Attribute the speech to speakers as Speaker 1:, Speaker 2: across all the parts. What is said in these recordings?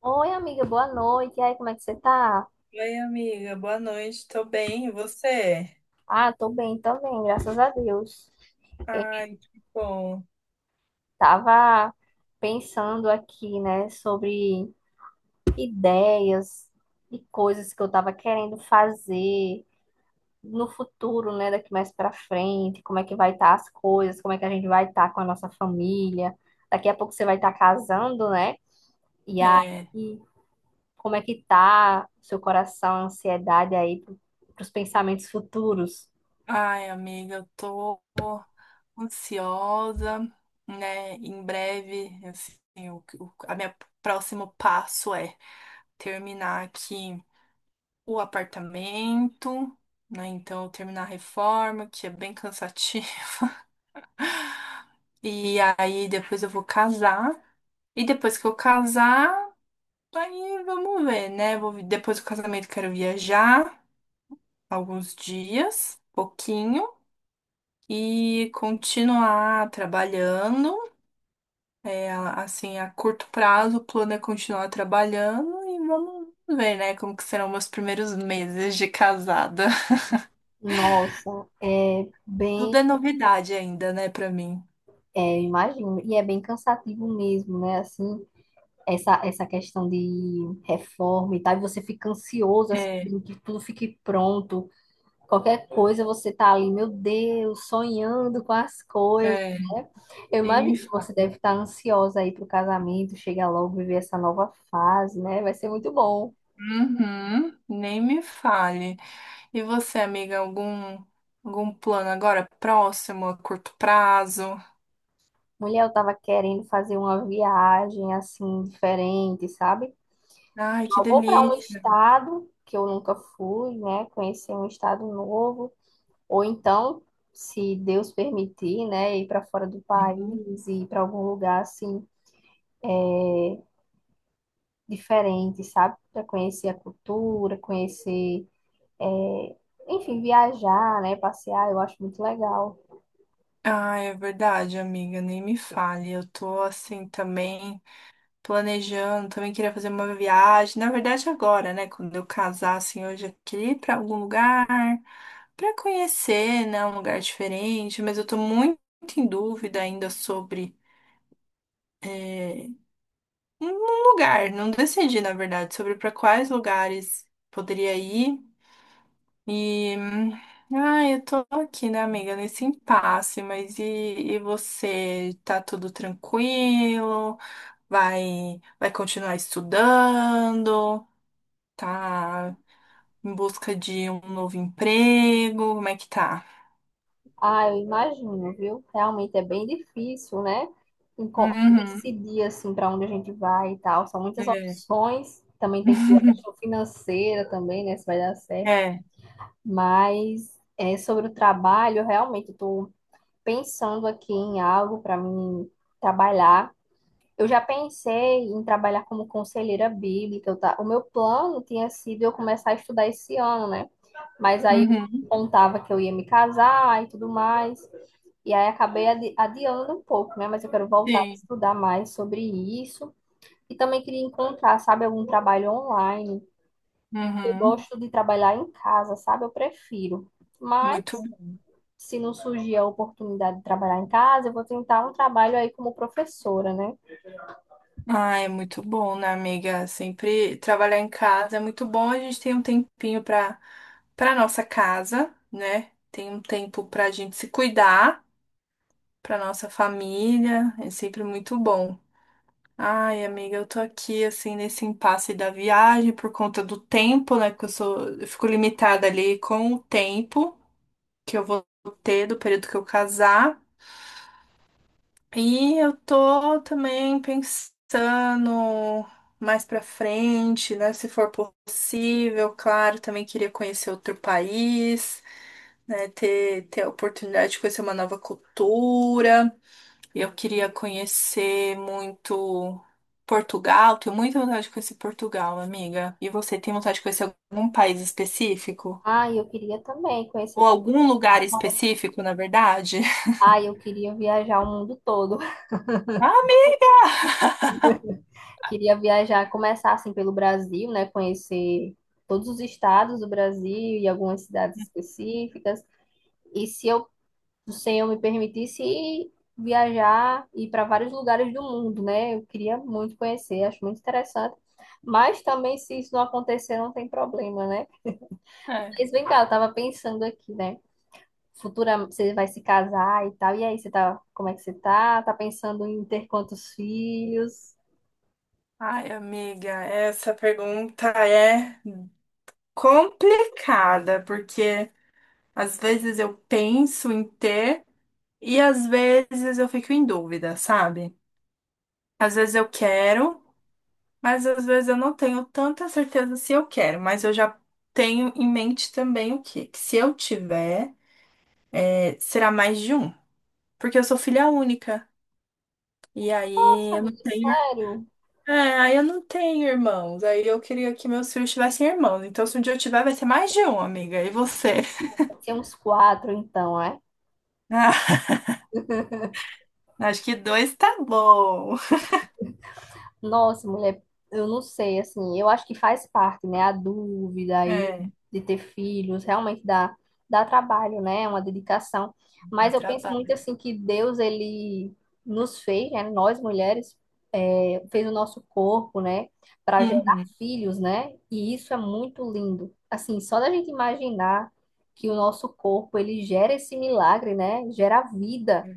Speaker 1: Oi, amiga, boa noite. E aí, como é que você tá?
Speaker 2: Oi, amiga, boa noite, tô bem, e você?
Speaker 1: Ah, tô bem também, graças a Deus. Eu
Speaker 2: Ai, que bom.
Speaker 1: tava pensando aqui, né, sobre ideias e coisas que eu tava querendo fazer no futuro, né, daqui mais pra frente, como é que vai estar as coisas, como é que a gente vai estar com a nossa família. Daqui a pouco você vai estar casando, né? E aí,
Speaker 2: É,
Speaker 1: como é que tá o seu coração, a ansiedade aí pros pensamentos futuros?
Speaker 2: ai, amiga, eu tô ansiosa, né? Em breve, assim, a minha próximo passo é terminar aqui o apartamento, né? Então, terminar a reforma, que é bem cansativo. E aí, depois eu vou casar. E depois que eu casar, aí vamos ver, né? Depois do casamento, eu quero viajar. Alguns dias, pouquinho, e continuar trabalhando. É, assim, a curto prazo, o plano é continuar trabalhando e vamos ver, né, como que serão meus primeiros meses de casada.
Speaker 1: Nossa, é bem,
Speaker 2: Tudo é novidade ainda, né, pra mim.
Speaker 1: é, imagino, e é bem cansativo mesmo, né? Assim, essa questão de reforma e tal, e você fica ansioso,
Speaker 2: É,
Speaker 1: assim, que tudo fique pronto, qualquer coisa você tá ali, meu Deus, sonhando com as coisas,
Speaker 2: é,
Speaker 1: né? Eu
Speaker 2: Nem me
Speaker 1: imagino que
Speaker 2: fale.
Speaker 1: você deve estar ansiosa aí pro casamento, chegar logo, viver essa nova fase, né? Vai ser muito bom.
Speaker 2: Uhum, nem me fale. E você, amiga, algum algum plano agora próximo, a curto prazo?
Speaker 1: Mulher, eu tava querendo fazer uma viagem, assim, diferente, sabe?
Speaker 2: Ai, que
Speaker 1: Eu vou para um
Speaker 2: delícia.
Speaker 1: estado que eu nunca fui, né? Conhecer um estado novo, ou então, se Deus permitir, né, ir para fora do país e ir para algum lugar assim é diferente, sabe? Para conhecer a cultura, conhecer, é, enfim, viajar, né? Passear, eu acho muito legal.
Speaker 2: Ah, é verdade, amiga, nem me fale. Eu tô assim também planejando, também queria fazer uma viagem. Na verdade, agora, né, quando eu casar, assim, eu já queria ir pra algum lugar pra conhecer, né, um lugar diferente, mas eu tô muito em dúvida ainda sobre eh, um lugar. Não decidi, na verdade, sobre pra quais lugares poderia ir. E, ah, eu tô aqui, né, amiga, nesse impasse, mas e você? Tá tudo tranquilo? Vai continuar estudando? Tá em busca de um novo emprego? Como é que tá?
Speaker 1: Ah, eu imagino, viu? Realmente é bem difícil, né?
Speaker 2: Uhum.
Speaker 1: Decidir assim para onde a gente vai e tal. São muitas
Speaker 2: É.
Speaker 1: opções. Também tem que ver a questão financeira também, né? Se vai dar certo.
Speaker 2: É.
Speaker 1: Mas é, sobre o trabalho, realmente estou pensando aqui em algo para mim trabalhar. Eu já pensei em trabalhar como conselheira bíblica. O meu plano tinha sido eu começar a estudar esse ano, né? Mas aí eu
Speaker 2: Uhum.
Speaker 1: contava que eu ia me casar e tudo mais. E aí acabei adiando um pouco, né? Mas eu quero voltar a
Speaker 2: Sim.
Speaker 1: estudar mais sobre isso. E também queria encontrar, sabe, algum trabalho online. Eu
Speaker 2: Uhum.
Speaker 1: gosto de trabalhar em casa, sabe? Eu prefiro.
Speaker 2: Muito
Speaker 1: Mas se não surgir a oportunidade de trabalhar em casa, eu vou tentar um trabalho aí como professora, né?
Speaker 2: Ah, é muito bom, né, amiga? Sempre trabalhar em casa é muito bom. A gente tem um tempinho para para nossa casa, né? Tem um tempo para a gente se cuidar, para nossa família. É sempre muito bom. Ai, amiga, eu tô aqui assim nesse impasse da viagem por conta do tempo, né? Que eu sou, eu fico limitada ali com o tempo que eu vou ter do período que eu casar. E eu tô também pensando mais pra frente, né? Se for possível, claro, também queria conhecer outro país, né? Ter a oportunidade de conhecer uma nova cultura. Eu queria conhecer muito Portugal. Tenho muita vontade de conhecer Portugal, amiga. E você tem vontade de conhecer algum país específico?
Speaker 1: Ah, eu queria também
Speaker 2: Ou
Speaker 1: conhecer.
Speaker 2: algum lugar específico, na verdade?
Speaker 1: Ah, eu queria viajar o mundo todo.
Speaker 2: Ah, amiga.
Speaker 1: Queria viajar, começar assim pelo Brasil, né? Conhecer todos os estados do Brasil e algumas cidades específicas. E se eu o Senhor me permitisse viajar e ir para vários lugares do mundo, né? Eu queria muito conhecer, acho muito interessante. Mas também, se isso não acontecer, não tem problema, né?
Speaker 2: É.
Speaker 1: Mas vem cá, eu tava pensando aqui, né? Futura, você vai se casar e tal. E aí, você tá, como é que você tá? Tá pensando em ter quantos filhos?
Speaker 2: Ai, amiga, essa pergunta é complicada, porque às vezes eu penso em ter e às vezes eu fico em dúvida, sabe? Às vezes eu quero, mas às vezes eu não tenho tanta certeza se eu quero, mas eu já tenho em mente também o quê? Que se eu tiver, é, será mais de um, porque eu sou filha única. E
Speaker 1: Nossa,
Speaker 2: aí eu não
Speaker 1: amigo,
Speaker 2: tenho
Speaker 1: sério?
Speaker 2: é, aí eu não tenho irmãos. Aí eu queria que meus filhos tivessem irmãos. Então, se um dia eu tiver, vai ser mais de um, amiga. E você?
Speaker 1: Vai ser uns quatro, então, é?
Speaker 2: Ah, acho que dois tá bom.
Speaker 1: Nossa, mulher, eu não sei, assim, eu acho que faz parte, né? A dúvida aí
Speaker 2: É,
Speaker 1: de ter filhos, realmente dá trabalho, né? É uma dedicação.
Speaker 2: eu
Speaker 1: Mas eu penso muito,
Speaker 2: trabalho.
Speaker 1: assim, que Deus, ele nos fez, né? Nós mulheres, é, fez o nosso corpo, né? Para gerar
Speaker 2: Uhum.
Speaker 1: filhos, né? E isso é muito lindo. Assim, só da gente imaginar que o nosso corpo, ele gera esse milagre, né? Gera vida.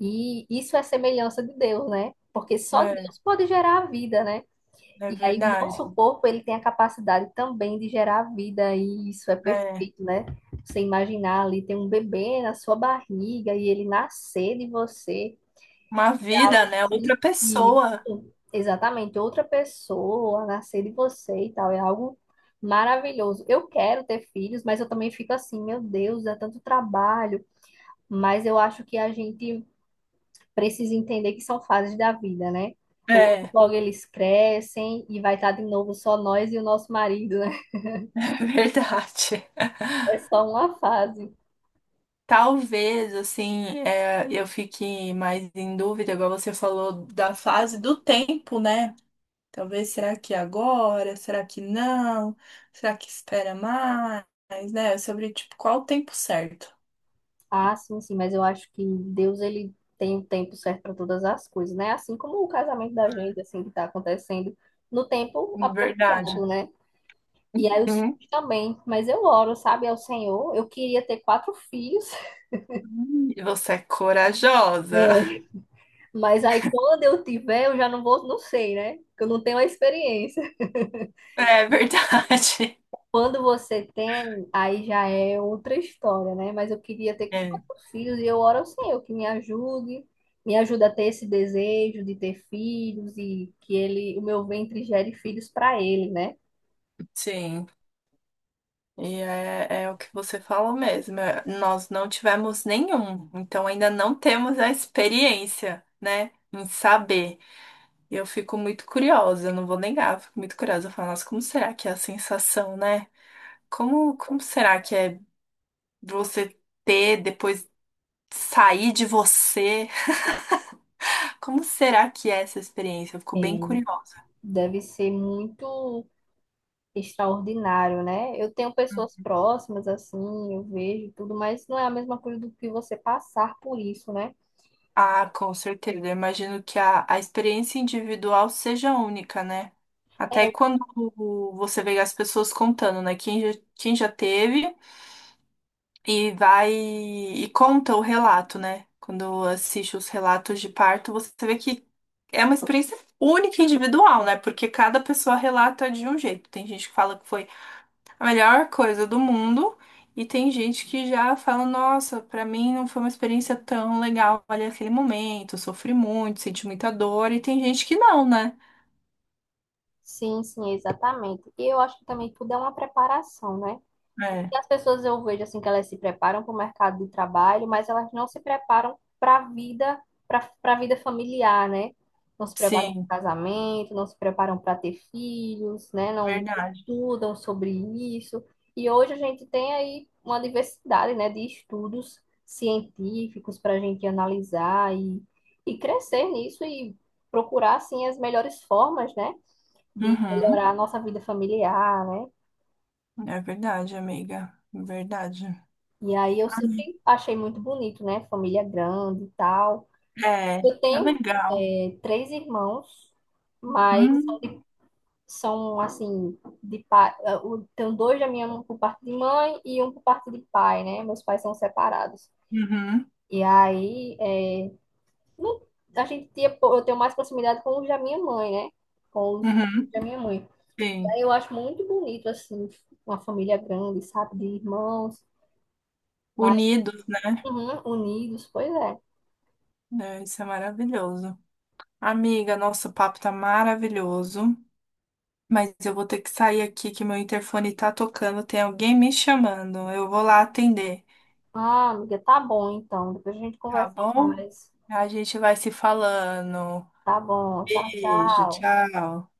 Speaker 1: E isso é semelhança de Deus, né? Porque só
Speaker 2: É,
Speaker 1: Deus pode gerar a vida, né?
Speaker 2: é
Speaker 1: E aí o
Speaker 2: verdade.
Speaker 1: nosso corpo, ele tem a capacidade também de gerar a vida, e isso é
Speaker 2: É.
Speaker 1: perfeito, né? Você imaginar ali, tem um bebê na sua barriga e ele nascer de você.
Speaker 2: Uma vida, né? Outra
Speaker 1: Assim, e
Speaker 2: pessoa.
Speaker 1: isso, exatamente, outra pessoa nascer de você e tal, é algo maravilhoso. Eu quero ter filhos, mas eu também fico assim, meu Deus, é tanto trabalho. Mas eu acho que a gente precisa entender que são fases da vida, né? Logo,
Speaker 2: É,
Speaker 1: logo eles crescem e vai estar de novo só nós e o nosso marido, né?
Speaker 2: é verdade.
Speaker 1: É só uma fase.
Speaker 2: Talvez, assim, é, eu fique mais em dúvida, igual você falou, da fase do tempo, né? Talvez, será que agora? Será que não? Será que espera mais, né? É sobre, tipo, qual o tempo certo.
Speaker 1: Ah, sim, sim, mas eu acho que Deus, ele tem o tempo certo para todas as coisas, né? Assim como o casamento da gente, assim, que tá acontecendo no tempo
Speaker 2: Verdade.
Speaker 1: apropriado, né? E aí os
Speaker 2: Hum,
Speaker 1: filhos também, mas eu oro, sabe, ao Senhor. Eu queria ter quatro filhos.
Speaker 2: e você é
Speaker 1: É.
Speaker 2: corajosa.
Speaker 1: Mas aí quando eu tiver, eu já não vou, não sei, né? Porque eu não tenho a experiência.
Speaker 2: É verdade.
Speaker 1: Quando você tem, aí já é outra história, né? Mas eu queria ter
Speaker 2: É.
Speaker 1: quatro filhos e eu oro ao Senhor que me ajude, me ajuda a ter esse desejo de ter filhos e que ele, o meu ventre gere filhos para ele, né?
Speaker 2: Sim. E é, é o que você falou mesmo. É, nós não tivemos nenhum, então ainda não temos a experiência, né, em saber. Eu fico muito curiosa, eu não vou negar, eu fico muito curiosa. Eu falo, nossa, como será que é a sensação, né? Como será que é você ter, depois sair de você? Como será que é essa experiência? Eu fico bem curiosa.
Speaker 1: Deve ser muito extraordinário, né? Eu tenho pessoas próximas assim, eu vejo tudo, mas não é a mesma coisa do que você passar por isso, né?
Speaker 2: Ah, com certeza. Eu imagino que a experiência individual seja única, né? Até
Speaker 1: É,
Speaker 2: quando você vê as pessoas contando, né? Quem já teve e vai e conta o relato, né? Quando assiste os relatos de parto, você vê que é uma experiência única e individual, né? Porque cada pessoa relata de um jeito. Tem gente que fala que foi a melhor coisa do mundo. E tem gente que já fala, nossa, pra mim não foi uma experiência tão legal ali aquele momento, sofri muito, senti muita dor, e tem gente que não, né?
Speaker 1: sim, sim, exatamente. E eu acho que também tudo é uma preparação, né?
Speaker 2: É,
Speaker 1: E as pessoas eu vejo assim que elas se preparam para o mercado de trabalho, mas elas não se preparam para a vida, para a vida familiar, né? Não se preparam
Speaker 2: sim,
Speaker 1: para o casamento, não se preparam para ter filhos, né? Não
Speaker 2: verdade.
Speaker 1: estudam sobre isso. E hoje a gente tem aí uma diversidade, né, de estudos científicos para a gente analisar e crescer nisso e procurar, assim, as melhores formas, né, de
Speaker 2: Uhum,
Speaker 1: melhorar a nossa vida familiar, né?
Speaker 2: é verdade, amiga, verdade.
Speaker 1: E aí eu sempre achei muito bonito, né? Família grande e tal.
Speaker 2: É,
Speaker 1: Eu
Speaker 2: é
Speaker 1: tenho
Speaker 2: legal.
Speaker 1: é, três irmãos, mas
Speaker 2: Hum,
Speaker 1: são assim, de pai. Tenho dois da minha mãe por parte de mãe e um por parte de pai, né? Meus pais são separados.
Speaker 2: Uhum,
Speaker 1: E aí é, não- a gente tinha, eu tenho mais proximidade com os da minha mãe, né? Com os
Speaker 2: uhum,
Speaker 1: da minha mãe.
Speaker 2: sim.
Speaker 1: Aí eu acho muito bonito, assim, uma família grande, sabe? De irmãos, mas
Speaker 2: Unidos, né?
Speaker 1: uhum, unidos, pois é.
Speaker 2: É, isso é maravilhoso. Amiga, nosso papo tá maravilhoso. Mas eu vou ter que sair aqui que meu interfone tá tocando, tem alguém me chamando. Eu vou lá atender,
Speaker 1: Ah, amiga, tá bom então. Depois a gente
Speaker 2: tá
Speaker 1: conversa
Speaker 2: bom?
Speaker 1: mais.
Speaker 2: A gente vai se falando.
Speaker 1: Tá bom. Tchau,
Speaker 2: Beijo,
Speaker 1: tchau.
Speaker 2: tchau.